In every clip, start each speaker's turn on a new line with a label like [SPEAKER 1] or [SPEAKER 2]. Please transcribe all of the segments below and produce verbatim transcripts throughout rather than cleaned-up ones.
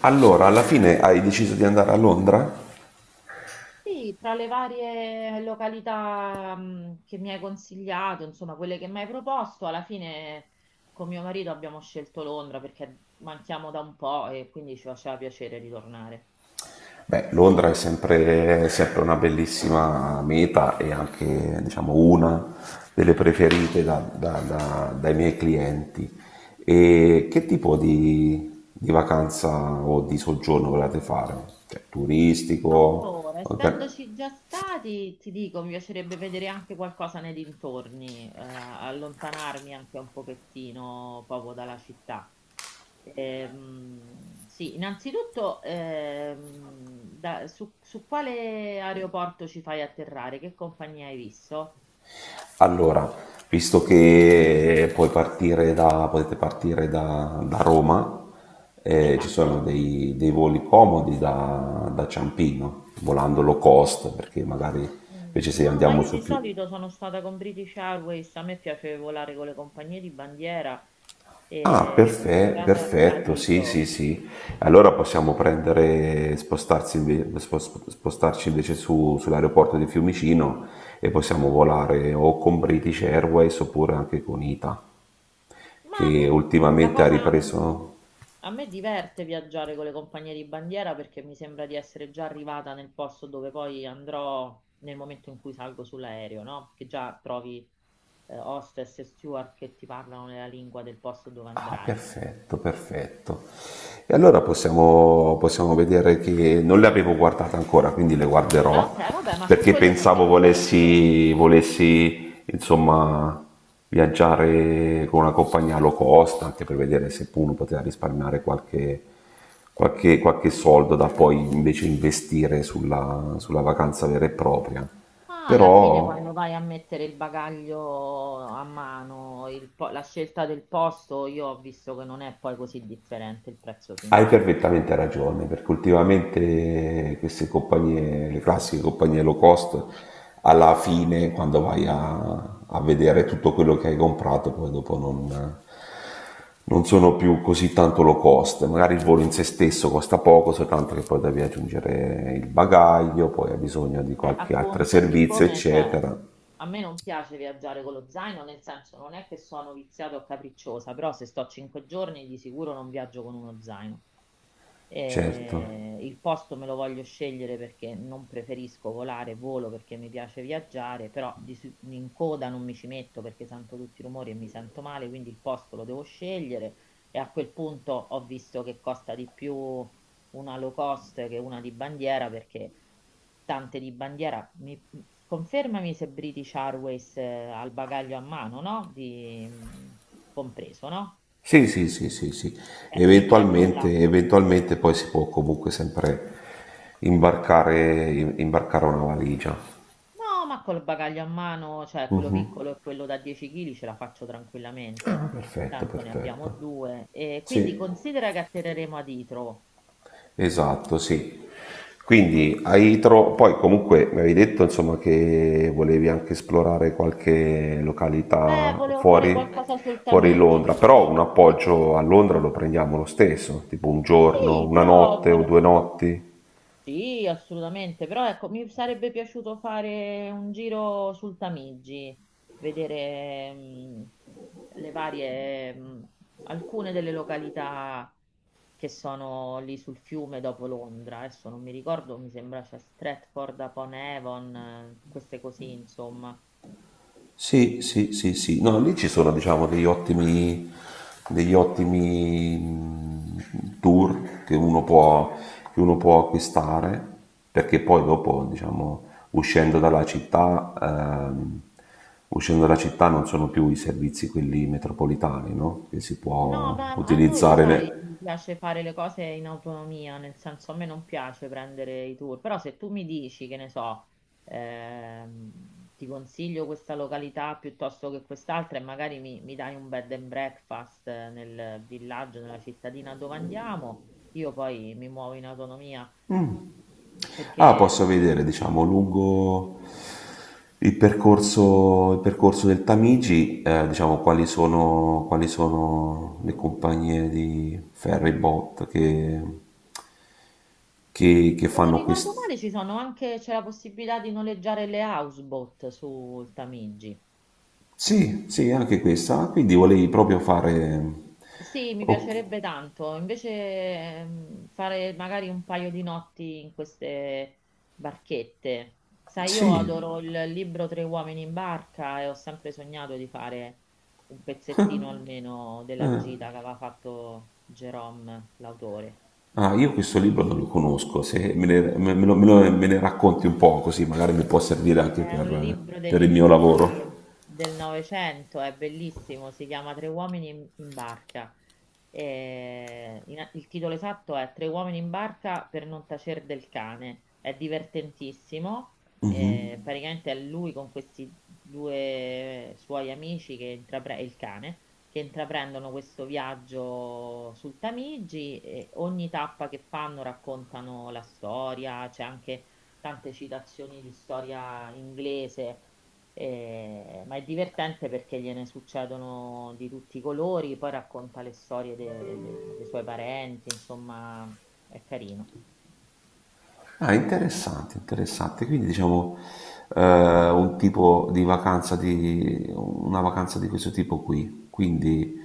[SPEAKER 1] Allora, alla fine
[SPEAKER 2] Quindi,
[SPEAKER 1] hai deciso di andare a Londra?
[SPEAKER 2] Sì, tra le varie località mh, che mi hai consigliato, insomma, quelle che mi hai proposto, alla fine con mio marito abbiamo scelto Londra perché manchiamo da un po' e quindi ci faceva piacere ritornare.
[SPEAKER 1] Beh, Londra è sempre, è sempre una bellissima meta e anche, diciamo, una delle preferite da- da- da- dai miei clienti. E che tipo di, di vacanza o di soggiorno volete fare? Cioè, turistico?
[SPEAKER 2] Allora,
[SPEAKER 1] Orga-
[SPEAKER 2] essendoci già stati, ti dico, mi piacerebbe vedere anche qualcosa nei dintorni, eh, allontanarmi anche un pochettino proprio dalla città. Ehm, sì, innanzitutto ehm, da- su, su quale aeroporto ci fai atterrare? Che compagnia hai visto?
[SPEAKER 1] Allora, visto che puoi partire da, potete partire da, da Roma, eh, ci sono
[SPEAKER 2] Esatto.
[SPEAKER 1] dei, dei voli comodi da, da Ciampino, volando low cost, perché magari invece
[SPEAKER 2] Mm,
[SPEAKER 1] se
[SPEAKER 2] No, ma
[SPEAKER 1] andiamo
[SPEAKER 2] io
[SPEAKER 1] su
[SPEAKER 2] di
[SPEAKER 1] più...
[SPEAKER 2] solito sono stata con British Airways, a me piace volare con le compagnie di bandiera
[SPEAKER 1] Ah,
[SPEAKER 2] e sono
[SPEAKER 1] perfe-
[SPEAKER 2] atterrata a
[SPEAKER 1] perfetto, sì,
[SPEAKER 2] Heathrow.
[SPEAKER 1] sì, sì. Allora possiamo prendere, spostarsi inve- spo- spo- spostarci invece su- sull'aeroporto di Fiumicino e possiamo volare o con British Airways oppure anche con I T A,
[SPEAKER 2] Ma a me
[SPEAKER 1] che
[SPEAKER 2] la
[SPEAKER 1] ultimamente ha
[SPEAKER 2] cosa, mm,
[SPEAKER 1] ripreso.
[SPEAKER 2] a me diverte viaggiare con le compagnie di bandiera perché mi sembra di essere già arrivata nel posto dove poi andrò nel momento in cui salgo sull'aereo, no? Che già trovi eh, hostess e steward che ti parlano nella lingua del posto dove
[SPEAKER 1] Ah,
[SPEAKER 2] andrai.
[SPEAKER 1] perfetto, perfetto. E allora possiamo, possiamo vedere che non le avevo guardate ancora, quindi le
[SPEAKER 2] Ah, ok,
[SPEAKER 1] guarderò
[SPEAKER 2] vabbè, ma su
[SPEAKER 1] perché
[SPEAKER 2] quello ci
[SPEAKER 1] pensavo
[SPEAKER 2] abbiamo tempo.
[SPEAKER 1] volessi, volessi insomma viaggiare con una compagnia low cost anche per vedere se uno poteva risparmiare qualche, qualche, qualche soldo da poi invece investire sulla, sulla vacanza vera e propria.
[SPEAKER 2] Ma alla fine, quando
[SPEAKER 1] Però
[SPEAKER 2] vai a mettere il bagaglio a mano, il po- la scelta del posto, io ho visto che non è poi così differente il prezzo
[SPEAKER 1] hai
[SPEAKER 2] finale.
[SPEAKER 1] perfettamente ragione, perché ultimamente queste compagnie, le classiche compagnie low cost, alla fine, quando vai a, a vedere tutto quello che hai comprato, poi dopo non, non sono più così tanto low cost. Magari il volo in se stesso costa poco, soltanto che poi devi aggiungere il bagaglio, poi hai bisogno di
[SPEAKER 2] Eh,
[SPEAKER 1] qualche altro
[SPEAKER 2] appunto,
[SPEAKER 1] servizio,
[SPEAKER 2] siccome cioè,
[SPEAKER 1] eccetera.
[SPEAKER 2] a me non piace viaggiare con lo zaino, nel senso non è che sono viziata o capricciosa, però se sto cinque giorni di sicuro non viaggio con uno zaino.
[SPEAKER 1] Certo.
[SPEAKER 2] Eh, il posto me lo voglio scegliere perché non preferisco volare, volo perché mi piace viaggiare, però di su- in coda non mi ci metto perché sento tutti i rumori e mi sento male, quindi il posto lo devo scegliere e a quel punto ho visto che costa di più una low cost che una di bandiera perché tante di bandiera, mi, confermami se British Airways eh, ha il bagaglio a mano, no? Di, mm, compreso, no?
[SPEAKER 1] Sì, sì, sì, sì, sì.
[SPEAKER 2] Eh, quindi ecco là.
[SPEAKER 1] Eventualmente, eventualmente poi si può comunque sempre imbarcare, im- imbarcare una valigia.
[SPEAKER 2] No, ma col bagaglio a mano, cioè quello piccolo e quello da dieci chili ce la faccio tranquillamente,
[SPEAKER 1] Ah, perfetto,
[SPEAKER 2] tanto ne abbiamo
[SPEAKER 1] perfetto.
[SPEAKER 2] due. E quindi
[SPEAKER 1] Sì,
[SPEAKER 2] considera che atterreremo a Itro.
[SPEAKER 1] esatto, sì. Quindi hai tro- poi comunque mi avevi detto insomma che volevi anche esplorare qualche
[SPEAKER 2] Beh,
[SPEAKER 1] località
[SPEAKER 2] volevo fare
[SPEAKER 1] fuori,
[SPEAKER 2] qualcosa sul
[SPEAKER 1] fuori
[SPEAKER 2] Tamigi.
[SPEAKER 1] Londra,
[SPEAKER 2] Sì,
[SPEAKER 1] però un
[SPEAKER 2] sì. Sì,
[SPEAKER 1] appoggio a Londra lo prendiamo lo stesso, tipo un giorno,
[SPEAKER 2] Sì,
[SPEAKER 1] una
[SPEAKER 2] però
[SPEAKER 1] notte o
[SPEAKER 2] volevo.
[SPEAKER 1] due notti.
[SPEAKER 2] Sì, assolutamente, però ecco, mi sarebbe piaciuto fare un giro sul Tamigi, vedere mh, le varie, mh, alcune delle località che sono lì sul fiume dopo Londra. Adesso non mi ricordo, mi sembra c'è Stratford upon Avon, eh, queste così, insomma.
[SPEAKER 1] Sì, sì, sì, sì. No, lì ci sono, diciamo, degli ottimi, degli ottimi mh, tour che uno può, che uno può acquistare, perché poi dopo, diciamo, uscendo dalla città, ehm, uscendo dalla città non sono più i servizi quelli metropolitani, no? Che si
[SPEAKER 2] No,
[SPEAKER 1] può
[SPEAKER 2] ma a noi lo
[SPEAKER 1] utilizzare.
[SPEAKER 2] sai,
[SPEAKER 1] Ne-
[SPEAKER 2] mi piace fare le cose in autonomia, nel senso a me non piace prendere i tour, però se tu mi dici, che ne so, ehm, ti consiglio questa località piuttosto che quest'altra e magari mi, mi dai un bed and breakfast eh, nel villaggio, nella cittadina dove andiamo, io poi mi muovo in autonomia,
[SPEAKER 1] Ah,
[SPEAKER 2] perché
[SPEAKER 1] posso
[SPEAKER 2] mh,
[SPEAKER 1] vedere, diciamo, lungo il percorso, il percorso del Tamigi, eh, diciamo quali sono, quali sono le compagnie di ferry boat che, che- che
[SPEAKER 2] se non
[SPEAKER 1] fanno
[SPEAKER 2] ricordo
[SPEAKER 1] questo?
[SPEAKER 2] male ci sono anche, c'è la possibilità di noleggiare le houseboat sul Tamigi.
[SPEAKER 1] Sì, sì, anche questa. Ah, quindi volevi proprio fare...
[SPEAKER 2] Sì, mi
[SPEAKER 1] Ok,
[SPEAKER 2] piacerebbe tanto. Invece ehm, fare magari un paio di notti in queste barchette. Sai, io
[SPEAKER 1] sì.
[SPEAKER 2] adoro il libro Tre uomini in barca e ho sempre sognato di fare un pezzettino almeno della gita che aveva fatto Jerome, l'autore.
[SPEAKER 1] Ah, io questo libro non lo conosco, se me ne, me- me lo- me lo- me ne racconti un po' così magari mi può servire anche
[SPEAKER 2] È un
[SPEAKER 1] per eh,
[SPEAKER 2] libro degli
[SPEAKER 1] per il mio lavoro.
[SPEAKER 2] inizi del Novecento, è bellissimo, si chiama Tre uomini in, in barca. E in- il titolo esatto è Tre uomini in barca per non tacer del cane. È divertentissimo, eh, praticamente è lui con questi due suoi amici, che intrapre- il cane, che intraprendono questo viaggio sul Tamigi e ogni tappa che fanno raccontano la storia, c'è anche tante citazioni di storia inglese, eh, ma è divertente perché gliene succedono di tutti i colori, poi racconta le storie de- de- dei suoi parenti, insomma, è carino.
[SPEAKER 1] Ah, interessante, interessante. Quindi diciamo eh, un tipo di vacanza di una vacanza di questo tipo qui. Quindi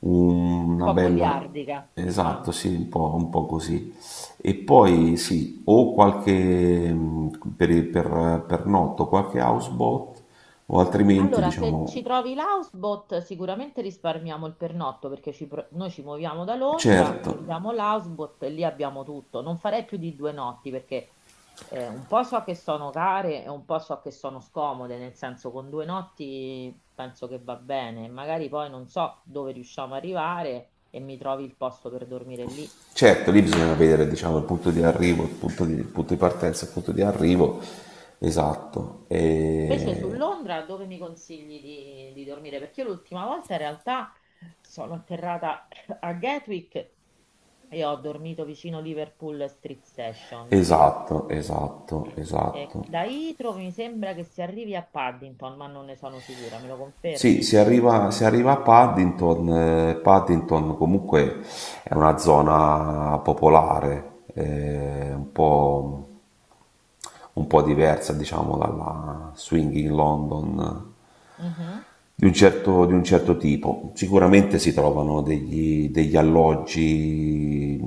[SPEAKER 1] un-
[SPEAKER 2] Un
[SPEAKER 1] una
[SPEAKER 2] po'
[SPEAKER 1] bella
[SPEAKER 2] goliardica,
[SPEAKER 1] esatto,
[SPEAKER 2] diciamo.
[SPEAKER 1] sì, un po', un po' così. E poi sì, o qualche mh, per, per, per notto, qualche houseboat, o altrimenti
[SPEAKER 2] Allora, se
[SPEAKER 1] diciamo
[SPEAKER 2] ci trovi l'houseboat, sicuramente risparmiamo il pernotto perché ci pro- noi ci muoviamo da Londra,
[SPEAKER 1] certo.
[SPEAKER 2] prendiamo l'houseboat e lì abbiamo tutto. Non farei più di due notti perché eh, un po' so che sono care e un po' so che sono scomode, nel senso con due notti penso che va bene. Magari poi non so dove riusciamo a arrivare e mi trovi il posto per dormire lì.
[SPEAKER 1] Certo, lì bisogna vedere, diciamo, il punto di arrivo, il punto di, il punto di partenza, il punto di arrivo, esatto.
[SPEAKER 2] Invece su
[SPEAKER 1] E
[SPEAKER 2] Londra, dove mi consigli di, di dormire? Perché io l'ultima volta in realtà sono atterrata a Gatwick. Io ho dormito vicino Liverpool Street Station, che
[SPEAKER 1] esatto, esatto,
[SPEAKER 2] Eh, e
[SPEAKER 1] esatto.
[SPEAKER 2] da Heathrow mi sembra che si arrivi a Paddington, ma non ne sono sicura, me lo
[SPEAKER 1] Sì,
[SPEAKER 2] confermi?
[SPEAKER 1] si arriva, si arriva a Paddington. Eh, Paddington comunque è una zona popolare, eh, un po', un po' diversa, diciamo, dalla Swinging London
[SPEAKER 2] Mhm.
[SPEAKER 1] di un certo, di un certo tipo. Sicuramente si trovano degli, degli alloggi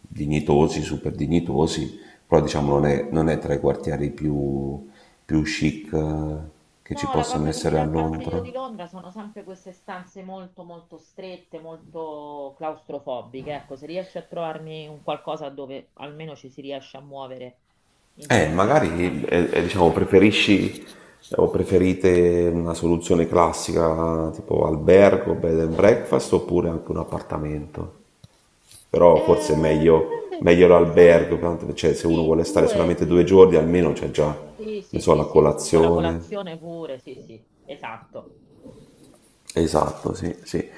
[SPEAKER 1] dignitosi, super dignitosi, però diciamo non è, non è tra i quartieri più, più chic eh, che ci
[SPEAKER 2] No, la
[SPEAKER 1] possano
[SPEAKER 2] cosa che mi
[SPEAKER 1] essere a
[SPEAKER 2] dà fastidio
[SPEAKER 1] Londra.
[SPEAKER 2] di Londra sono sempre queste stanze molto molto strette, molto claustrofobiche. Ecco, se riesci a trovarmi un qualcosa dove almeno ci si riesce a muovere in
[SPEAKER 1] Eh,
[SPEAKER 2] tranquillità.
[SPEAKER 1] magari eh, eh, diciamo, preferisci o preferite una soluzione classica tipo albergo, bed and breakfast oppure anche un appartamento? Però forse è
[SPEAKER 2] Eh,
[SPEAKER 1] meglio,
[SPEAKER 2] dipende,
[SPEAKER 1] meglio
[SPEAKER 2] siamo
[SPEAKER 1] l'albergo,
[SPEAKER 2] in,
[SPEAKER 1] tanto, cioè, se uno
[SPEAKER 2] sì, in
[SPEAKER 1] vuole stare
[SPEAKER 2] due,
[SPEAKER 1] solamente due
[SPEAKER 2] sì.
[SPEAKER 1] giorni almeno c'è già,
[SPEAKER 2] Sì,
[SPEAKER 1] ne
[SPEAKER 2] sì,
[SPEAKER 1] so,
[SPEAKER 2] sì,
[SPEAKER 1] la
[SPEAKER 2] sì, sì, con la
[SPEAKER 1] colazione.
[SPEAKER 2] colazione pure, sì, sì, esatto.
[SPEAKER 1] Esatto, sì, sì.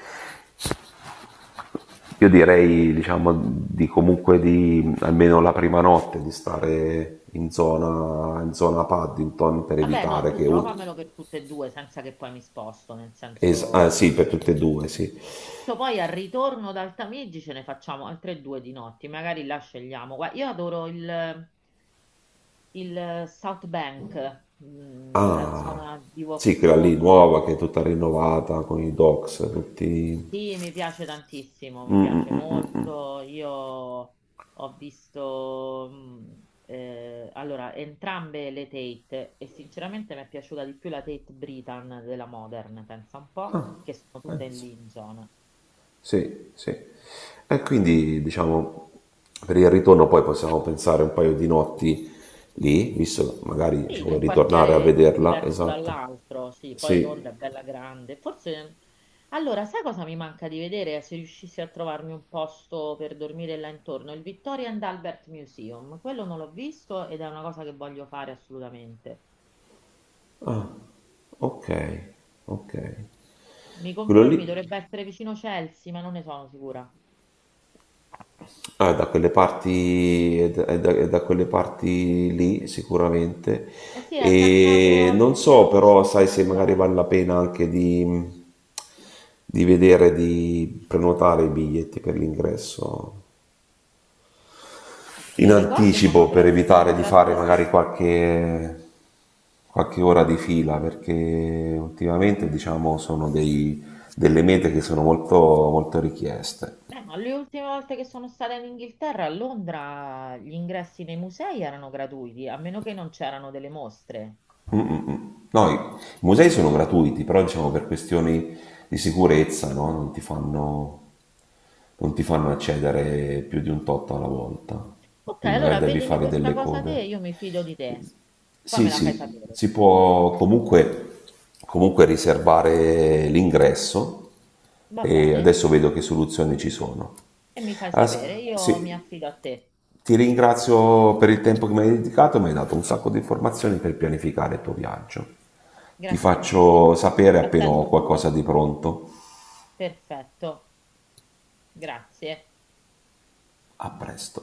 [SPEAKER 1] Io direi, diciamo, di comunque di almeno la prima notte di stare in zona, in zona Paddington per
[SPEAKER 2] Vabbè, no,
[SPEAKER 1] evitare
[SPEAKER 2] tu
[SPEAKER 1] che uno...
[SPEAKER 2] trovamelo per tutte e due senza che poi mi sposto, nel
[SPEAKER 1] es- ah,
[SPEAKER 2] senso.
[SPEAKER 1] sì, per tutte e due, sì.
[SPEAKER 2] Tu Poi al ritorno da Altamigi ce ne facciamo altre due di notti, magari là scegliamo. Guarda, io adoro il, il South Bank, mm, la
[SPEAKER 1] Ah,
[SPEAKER 2] zona di
[SPEAKER 1] sì, quella lì
[SPEAKER 2] Vauxhall.
[SPEAKER 1] nuova che è tutta rinnovata con i docks, tutti...
[SPEAKER 2] Sì, mi piace tantissimo, mi piace molto. Io ho visto, mh, eh, allora, entrambe le Tate e sinceramente mi è piaciuta di più la Tate Britain della Modern, pensa un po',
[SPEAKER 1] Ah,
[SPEAKER 2] che sono tutte in
[SPEAKER 1] penso.
[SPEAKER 2] Lincoln.
[SPEAKER 1] Sì, sì. E quindi, diciamo, per il ritorno poi possiamo pensare un paio di notti lì, visto che magari ci
[SPEAKER 2] Sì,
[SPEAKER 1] vuoi
[SPEAKER 2] nel
[SPEAKER 1] ritornare a
[SPEAKER 2] quartiere
[SPEAKER 1] vederla,
[SPEAKER 2] diverso
[SPEAKER 1] esatto.
[SPEAKER 2] dall'altro, sì, poi
[SPEAKER 1] Sì.
[SPEAKER 2] Londra è bella grande. Forse, allora, sai cosa mi manca di vedere? Se riuscissi a trovarmi un posto per dormire là intorno, il Victoria and Albert Museum. Quello non l'ho visto ed è una cosa che voglio fare assolutamente.
[SPEAKER 1] Ah, ok, ok.
[SPEAKER 2] Mi
[SPEAKER 1] Quello lì,
[SPEAKER 2] confermi, dovrebbe essere vicino Chelsea, ma non ne sono sicura.
[SPEAKER 1] ah, da quelle parti, è da, è da- è da quelle parti lì sicuramente.
[SPEAKER 2] Eh sì, è attaccato
[SPEAKER 1] E
[SPEAKER 2] al
[SPEAKER 1] non so
[SPEAKER 2] Museo di
[SPEAKER 1] però,
[SPEAKER 2] Scienza
[SPEAKER 1] sai se magari vale
[SPEAKER 2] Naturale.
[SPEAKER 1] la pena anche di, di vedere, di prenotare i biglietti per l'ingresso
[SPEAKER 2] Che
[SPEAKER 1] in
[SPEAKER 2] io ricordo sono,
[SPEAKER 1] anticipo per
[SPEAKER 2] gra- sono
[SPEAKER 1] evitare di fare magari
[SPEAKER 2] gratuiti.
[SPEAKER 1] qualche, qualche ora di fila, perché ultimamente diciamo sono dei, delle mete che sono molto, molto richieste.
[SPEAKER 2] Beh, ma le ultime volte che sono stata in Inghilterra, a Londra, gli ingressi nei musei erano gratuiti, a meno che non c'erano delle mostre.
[SPEAKER 1] Mm-mm. No, i musei sono gratuiti, però diciamo per questioni di sicurezza no? non, Ti fanno, non ti fanno accedere più di un tot alla volta,
[SPEAKER 2] Ok,
[SPEAKER 1] quindi magari
[SPEAKER 2] allora
[SPEAKER 1] devi
[SPEAKER 2] vedimi
[SPEAKER 1] fare
[SPEAKER 2] questa
[SPEAKER 1] delle
[SPEAKER 2] cosa te,
[SPEAKER 1] code.
[SPEAKER 2] io mi fido di te. Poi
[SPEAKER 1] Sì,
[SPEAKER 2] me la fai
[SPEAKER 1] sì,
[SPEAKER 2] sapere.
[SPEAKER 1] si può comunque, comunque riservare l'ingresso
[SPEAKER 2] Va
[SPEAKER 1] e
[SPEAKER 2] bene?
[SPEAKER 1] adesso vedo che soluzioni ci sono.
[SPEAKER 2] E mi fai
[SPEAKER 1] Ah, s-
[SPEAKER 2] sapere, io mi
[SPEAKER 1] sì,
[SPEAKER 2] affido a te.
[SPEAKER 1] ti ringrazio per il tempo che mi hai dedicato, mi hai dato un sacco di informazioni per pianificare il tuo viaggio. Ti
[SPEAKER 2] Grazie mille.
[SPEAKER 1] faccio sapere appena ho
[SPEAKER 2] Attendo tue.
[SPEAKER 1] qualcosa di pronto.
[SPEAKER 2] Perfetto. Grazie.
[SPEAKER 1] A presto.